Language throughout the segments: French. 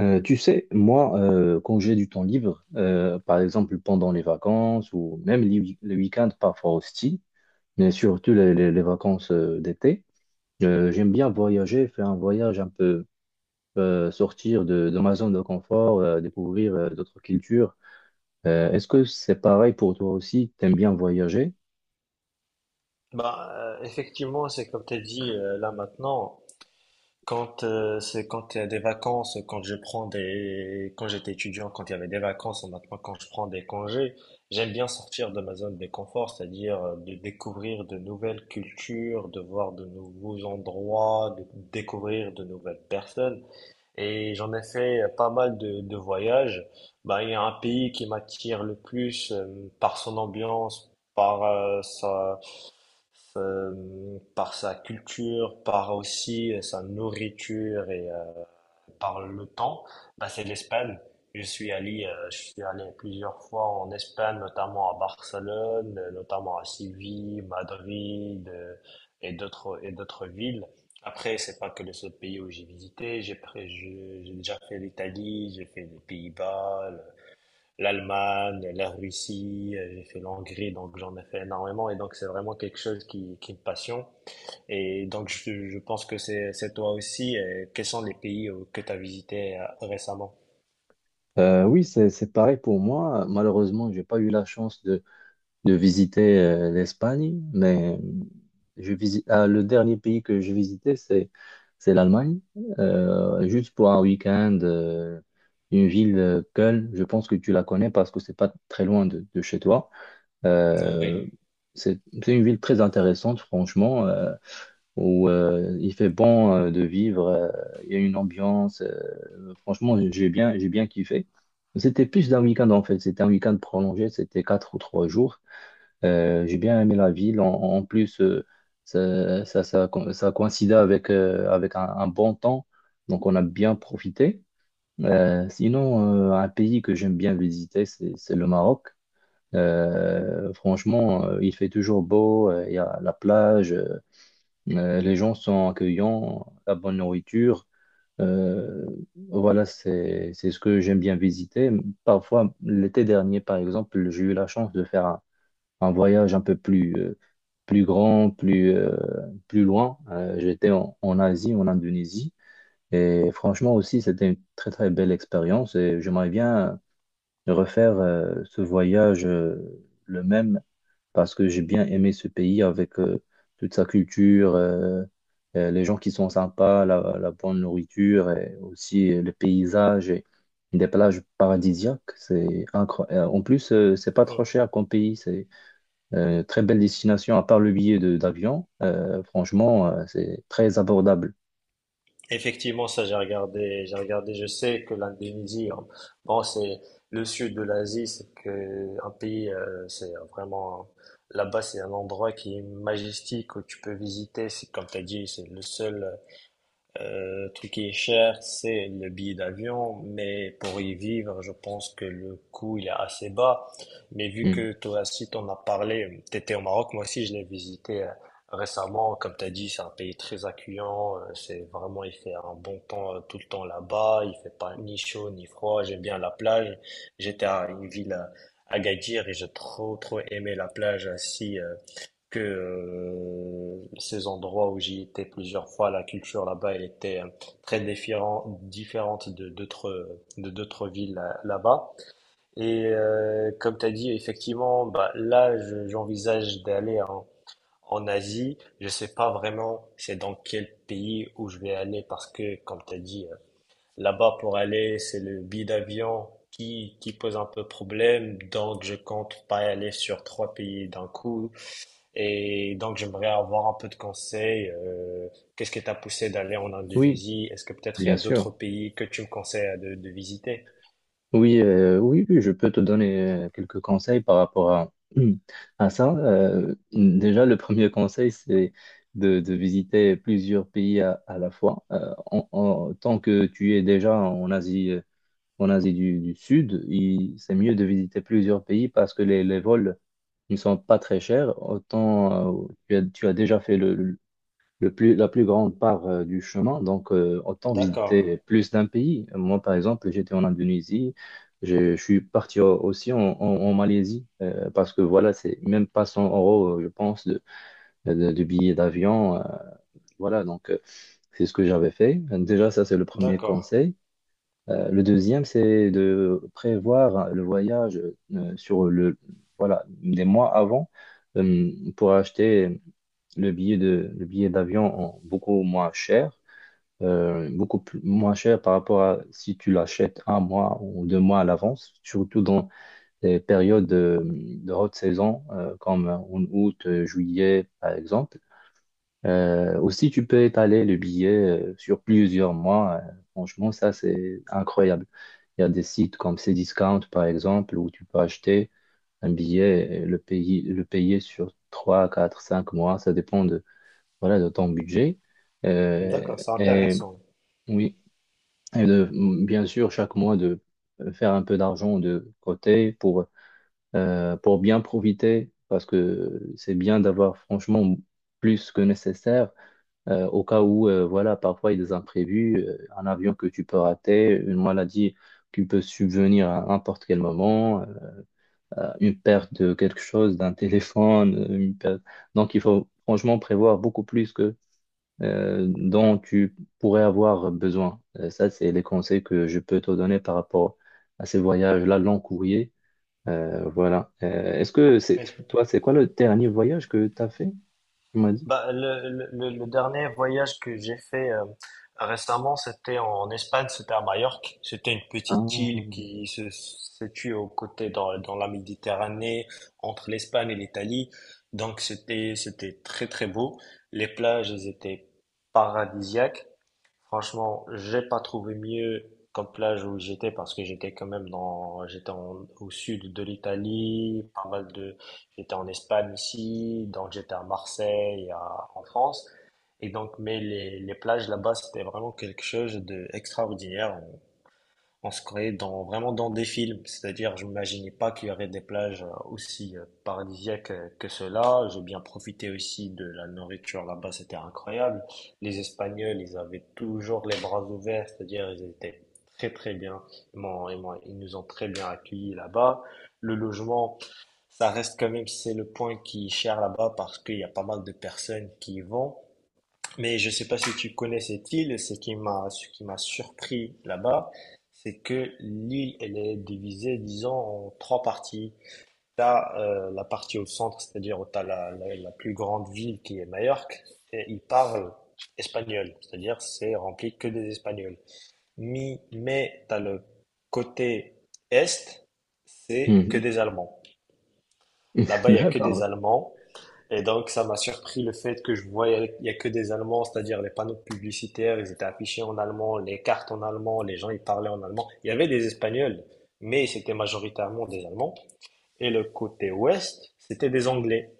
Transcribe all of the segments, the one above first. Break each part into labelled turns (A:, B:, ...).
A: Tu sais, moi, quand j'ai du temps libre, par exemple pendant les vacances ou même les week-ends parfois aussi, mais surtout les vacances d'été, j'aime bien voyager, faire un voyage un peu, sortir de ma zone de confort, découvrir d'autres cultures. Est-ce que c'est pareil pour toi aussi? T'aimes bien voyager?
B: Bah, effectivement, c'est comme tu as dit là maintenant. Quand c'est quand il y a des vacances, quand je prends des, quand j'étais étudiant, quand il y avait des vacances, ou maintenant quand je prends des congés, j'aime bien sortir de ma zone de confort, c'est-à-dire de découvrir de nouvelles cultures, de voir de nouveaux endroits, de découvrir de nouvelles personnes. Et j'en ai fait pas mal de voyages. Bah, il y a un pays qui m'attire le plus par son ambiance, par sa culture, par aussi sa nourriture et par le temps, bah, c'est l'Espagne. Je suis allé plusieurs fois en Espagne, notamment à Barcelone, notamment à Séville, Madrid, et d'autres villes. Après, c'est pas que le seul pays où j'ai visité. J'ai déjà fait l'Italie, j'ai fait les Pays-Bas, l'Allemagne, la Russie, j'ai fait l'Hongrie, donc j'en ai fait énormément et donc c'est vraiment quelque chose qui me passionne. Et donc je pense que c'est toi aussi. Quels sont les pays que tu as visités récemment?
A: Oui, c'est pareil pour moi. Malheureusement, j'ai pas eu la chance de visiter l'Espagne, mais ah, le dernier pays que je visitais, c'est l'Allemagne. Juste pour un week-end, une ville, Köln, je pense que tu la connais parce que c'est pas très loin de chez toi.
B: Oui.
A: Euh, c'est une ville très intéressante, franchement, où il fait bon de vivre, il y a une ambiance, franchement, j'ai bien kiffé. C'était plus d'un week-end en fait, c'était un week-end prolongé, c'était 4 ou 3 jours. J'ai bien aimé la ville. En plus, ça coïncidait avec un bon temps. Donc, on a bien profité. Sinon, un pays que j'aime bien visiter, c'est le Maroc. Franchement, il fait toujours beau. Il y a la plage. Les gens sont accueillants. La bonne nourriture. Euh, voilà, c'est ce que j'aime bien visiter. Parfois, l'été dernier, par exemple, j'ai eu la chance de faire un voyage un peu plus grand, plus loin. J'étais en Asie, en Indonésie. Et franchement aussi, c'était une très très belle expérience et j'aimerais bien refaire ce voyage le même parce que j'ai bien aimé ce pays avec toute sa culture, les gens qui sont sympas, la bonne nourriture et aussi le paysage et des plages paradisiaques. C'est incroyable. En plus, c'est pas trop
B: Mm.
A: cher comme pays. Très belle destination, à part le billet de d'avion. Franchement, c'est très abordable.
B: Effectivement, ça j'ai regardé, je sais que l'Indonésie, bon, c'est le sud de l'Asie, c'est que un pays, c'est vraiment là-bas, c'est un endroit qui est majestique où tu peux visiter. C'est comme tu as dit, c'est le seul truc qui est cher, c'est le billet d'avion, mais pour y vivre, je pense que le coût il est assez bas. Mais vu
A: Mm.
B: que toi aussi t'en as parlé, t'étais au Maroc, moi aussi je l'ai visité récemment. Comme t'as dit, c'est un pays très accueillant. C'est vraiment, il fait un bon temps tout le temps là-bas. Il fait pas ni chaud ni froid. J'aime bien la plage. J'étais à une ville à Agadir et j'ai trop trop aimé la plage. Assis que ces endroits où j'y étais plusieurs fois, la culture là-bas, elle était différente de d'autres villes là-bas. Et comme tu as dit, effectivement, bah, là, j'envisage d'aller en Asie. Je sais pas vraiment c'est dans quel pays où je vais aller parce que, comme tu as dit, là-bas pour aller, c'est le billet d'avion qui pose un peu problème. Donc, je compte pas aller sur trois pays d'un coup et donc, j'aimerais avoir un peu de conseils. Qu'est-ce qui t'a poussé d'aller en
A: Oui,
B: Indonésie? Est-ce que peut-être il y
A: bien
B: a d'autres
A: sûr.
B: pays que tu me conseilles de visiter?
A: Oui, oui, oui, je peux te donner quelques conseils par rapport à ça. Déjà, le premier conseil, c'est de visiter plusieurs pays à la fois. Tant que tu es déjà en Asie du Sud, c'est mieux de visiter plusieurs pays parce que les vols ne sont pas très chers. Autant tu as déjà fait la plus grande part du chemin. Donc, autant
B: D'accord,
A: visiter plus d'un pays. Moi, par exemple, j'étais en Indonésie. Je suis parti aussi en Malaisie parce que voilà, c'est même pas 100 euros, je pense, de billets d'avion. Voilà, donc c'est ce que j'avais fait. Déjà, ça, c'est le premier
B: d'accord,
A: conseil. Le deuxième, c'est de prévoir le voyage euh, sur le, voilà, des mois avant pour acheter le billet d'avion en beaucoup moins cher, beaucoup moins cher par rapport à si tu l'achètes un mois ou 2 mois à l'avance, surtout dans les périodes de haute saison comme en août, juillet, par exemple. Aussi, tu peux étaler le billet sur plusieurs mois. Franchement, ça, c'est incroyable. Il y a des sites comme Cdiscount, par exemple, où tu peux acheter un billet et le payer sur 3, 4, 5 mois. Ça dépend voilà, de ton budget.
B: d'accord, c'est
A: Et
B: intéressant.
A: oui, et de, bien sûr, chaque mois, de faire un peu d'argent de côté pour bien profiter, parce que c'est bien d'avoir franchement plus que nécessaire au cas où, voilà, parfois il y a des imprévus, un avion que tu peux rater, une maladie qui peut subvenir à n'importe quel moment, une perte de quelque chose, d'un téléphone. Donc il faut franchement prévoir beaucoup plus que dont tu pourrais avoir besoin. Ça, c'est les conseils que je peux te donner par rapport à ces voyages-là, long courrier. Voilà. Est-ce que c'est toi, C'est quoi le dernier voyage que tu as fait? Tu m'as dit.
B: Bah, le dernier voyage que j'ai fait récemment, c'était en Espagne, c'était à Majorque. C'était une petite île
A: Ah.
B: qui se situe aux côtés dans la Méditerranée, entre l'Espagne et l'Italie. Donc c'était très très beau. Les plages, elles étaient paradisiaques. Franchement, j'ai pas trouvé mieux comme plage où j'étais parce que j'étais quand même au sud de l'Italie, pas mal de, j'étais en Espagne ici, donc j'étais à Marseille, en France. Et donc, mais les plages là-bas, c'était vraiment quelque chose d'extraordinaire. On se croyait vraiment dans des films, c'est-à-dire je m'imaginais pas qu'il y aurait des plages aussi paradisiaques que cela. J'ai bien profité aussi de la nourriture là-bas, c'était incroyable. Les Espagnols, ils avaient toujours les bras ouverts, c'est-à-dire ils étaient très très bien. Ils nous ont très bien accueillis là-bas. Le logement, ça reste quand même, c'est le point qui est cher là-bas parce qu'il y a pas mal de personnes qui y vont. Mais je ne sais pas si tu connais cette île, ce qui m'a surpris là-bas, c'est que l'île, elle est divisée, disons, en trois parties. Tu as la partie au centre, c'est-à-dire où tu as la plus grande ville qui est Majorque, et ils parlent espagnol, c'est-à-dire c'est rempli que des Espagnols. Mais tu as le côté est, c'est que
A: Mhm.
B: des Allemands. Là-bas, il y a que des
A: D'accord.
B: Allemands. Et donc, ça m'a surpris le fait que je voyais, il y a que des Allemands, c'est-à-dire les panneaux publicitaires, ils étaient affichés en allemand, les cartes en allemand, les gens, ils parlaient en allemand. Il y avait des Espagnols, mais c'était majoritairement des Allemands. Et le côté ouest, c'était des Anglais.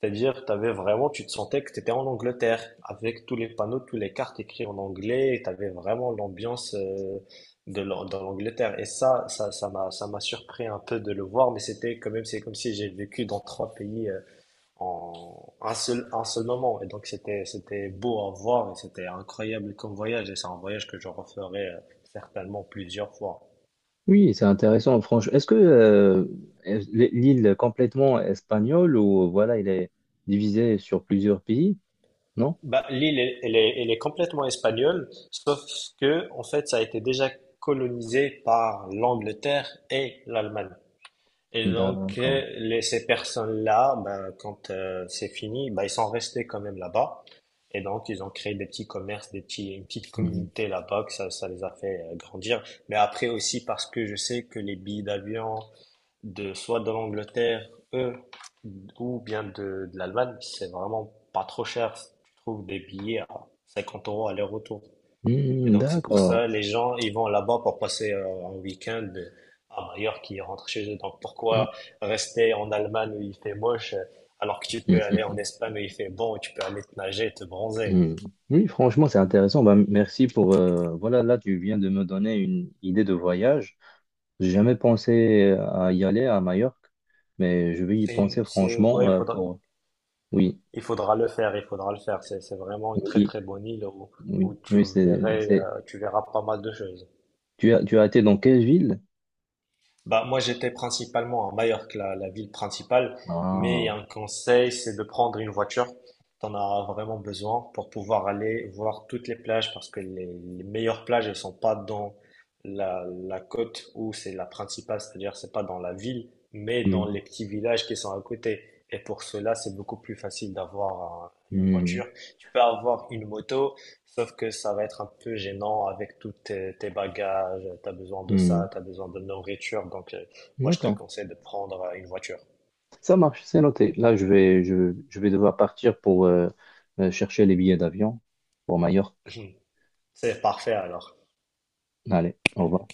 B: C'est-à-dire, t'avais vraiment, tu te sentais que tu étais en Angleterre, avec tous les panneaux, toutes les cartes écrites en anglais, et tu avais vraiment l'ambiance dans l'Angleterre. Et ça m'a surpris un peu de le voir, mais c'était quand même, c'est comme si j'ai vécu dans trois pays en un seul moment. Et donc, c'était beau à voir, et c'était incroyable comme voyage, et c'est un voyage que je referai certainement plusieurs fois.
A: Oui, c'est intéressant. Franchement, est-ce que est- l'île est complètement espagnole ou voilà, il est divisé sur plusieurs pays? Non?
B: Bah, l'île, elle est complètement espagnole, sauf que, en fait, ça a été déjà colonisé par l'Angleterre et l'Allemagne. Et donc,
A: D'accord.
B: ces personnes-là, ben, quand c'est fini, ben, ils sont restés quand même là-bas. Et donc, ils ont créé des petits commerces, des petits, une petite
A: Hmm.
B: communauté là-bas, que ça les a fait grandir. Mais après aussi, parce que je sais que les billets d'avion, de soit de l'Angleterre, eux, ou bien de l'Allemagne, c'est vraiment pas trop cher. Tu trouves des billets à 50 euros aller-retour. Et
A: Hmm,
B: donc, c'est pour
A: d'accord.
B: ça, les gens, ils vont là-bas pour passer un week-end à Majorque, ils rentrent chez eux. Donc,
A: Hmm,
B: pourquoi rester en Allemagne où il fait moche, alors que tu peux aller
A: hmm,
B: en Espagne où il fait bon, et tu peux aller te nager, te bronzer.
A: hmm, hmm. Oui, franchement, c'est intéressant. Ben, merci pour voilà, là, tu viens de me donner une idée de voyage. J'ai jamais pensé à y aller à Majorque, mais je vais y penser franchement
B: Ouais, il faudra,
A: pour. Oui,
B: il faudra il faudra le faire. C'est vraiment une très,
A: oui,
B: très bonne île où, où
A: oui, oui,
B: tu verras pas mal de choses.
A: Tu as été dans quelle ville?
B: Bah, moi, j'étais principalement à Majorque, la ville principale, mais
A: Ah.
B: un conseil, c'est de prendre une voiture. Tu en as vraiment besoin pour pouvoir aller voir toutes les plages parce que les meilleures plages, elles sont pas dans la côte où c'est la principale, c'est-à-dire c'est pas dans la ville, mais dans
A: Mmh.
B: les petits villages qui sont à côté. Et pour cela, c'est beaucoup plus facile une
A: Hmm,
B: voiture. Tu peux avoir une moto, sauf que ça va être un peu gênant avec tous tes bagages, t'as besoin de ça,
A: hmm.
B: t'as besoin de nourriture, donc moi je te
A: D'accord.
B: conseille de prendre une voiture.
A: Ça marche, c'est noté. Là, je vais devoir partir pour chercher les billets d'avion pour Majorque.
B: C'est parfait alors.
A: Allez, au revoir.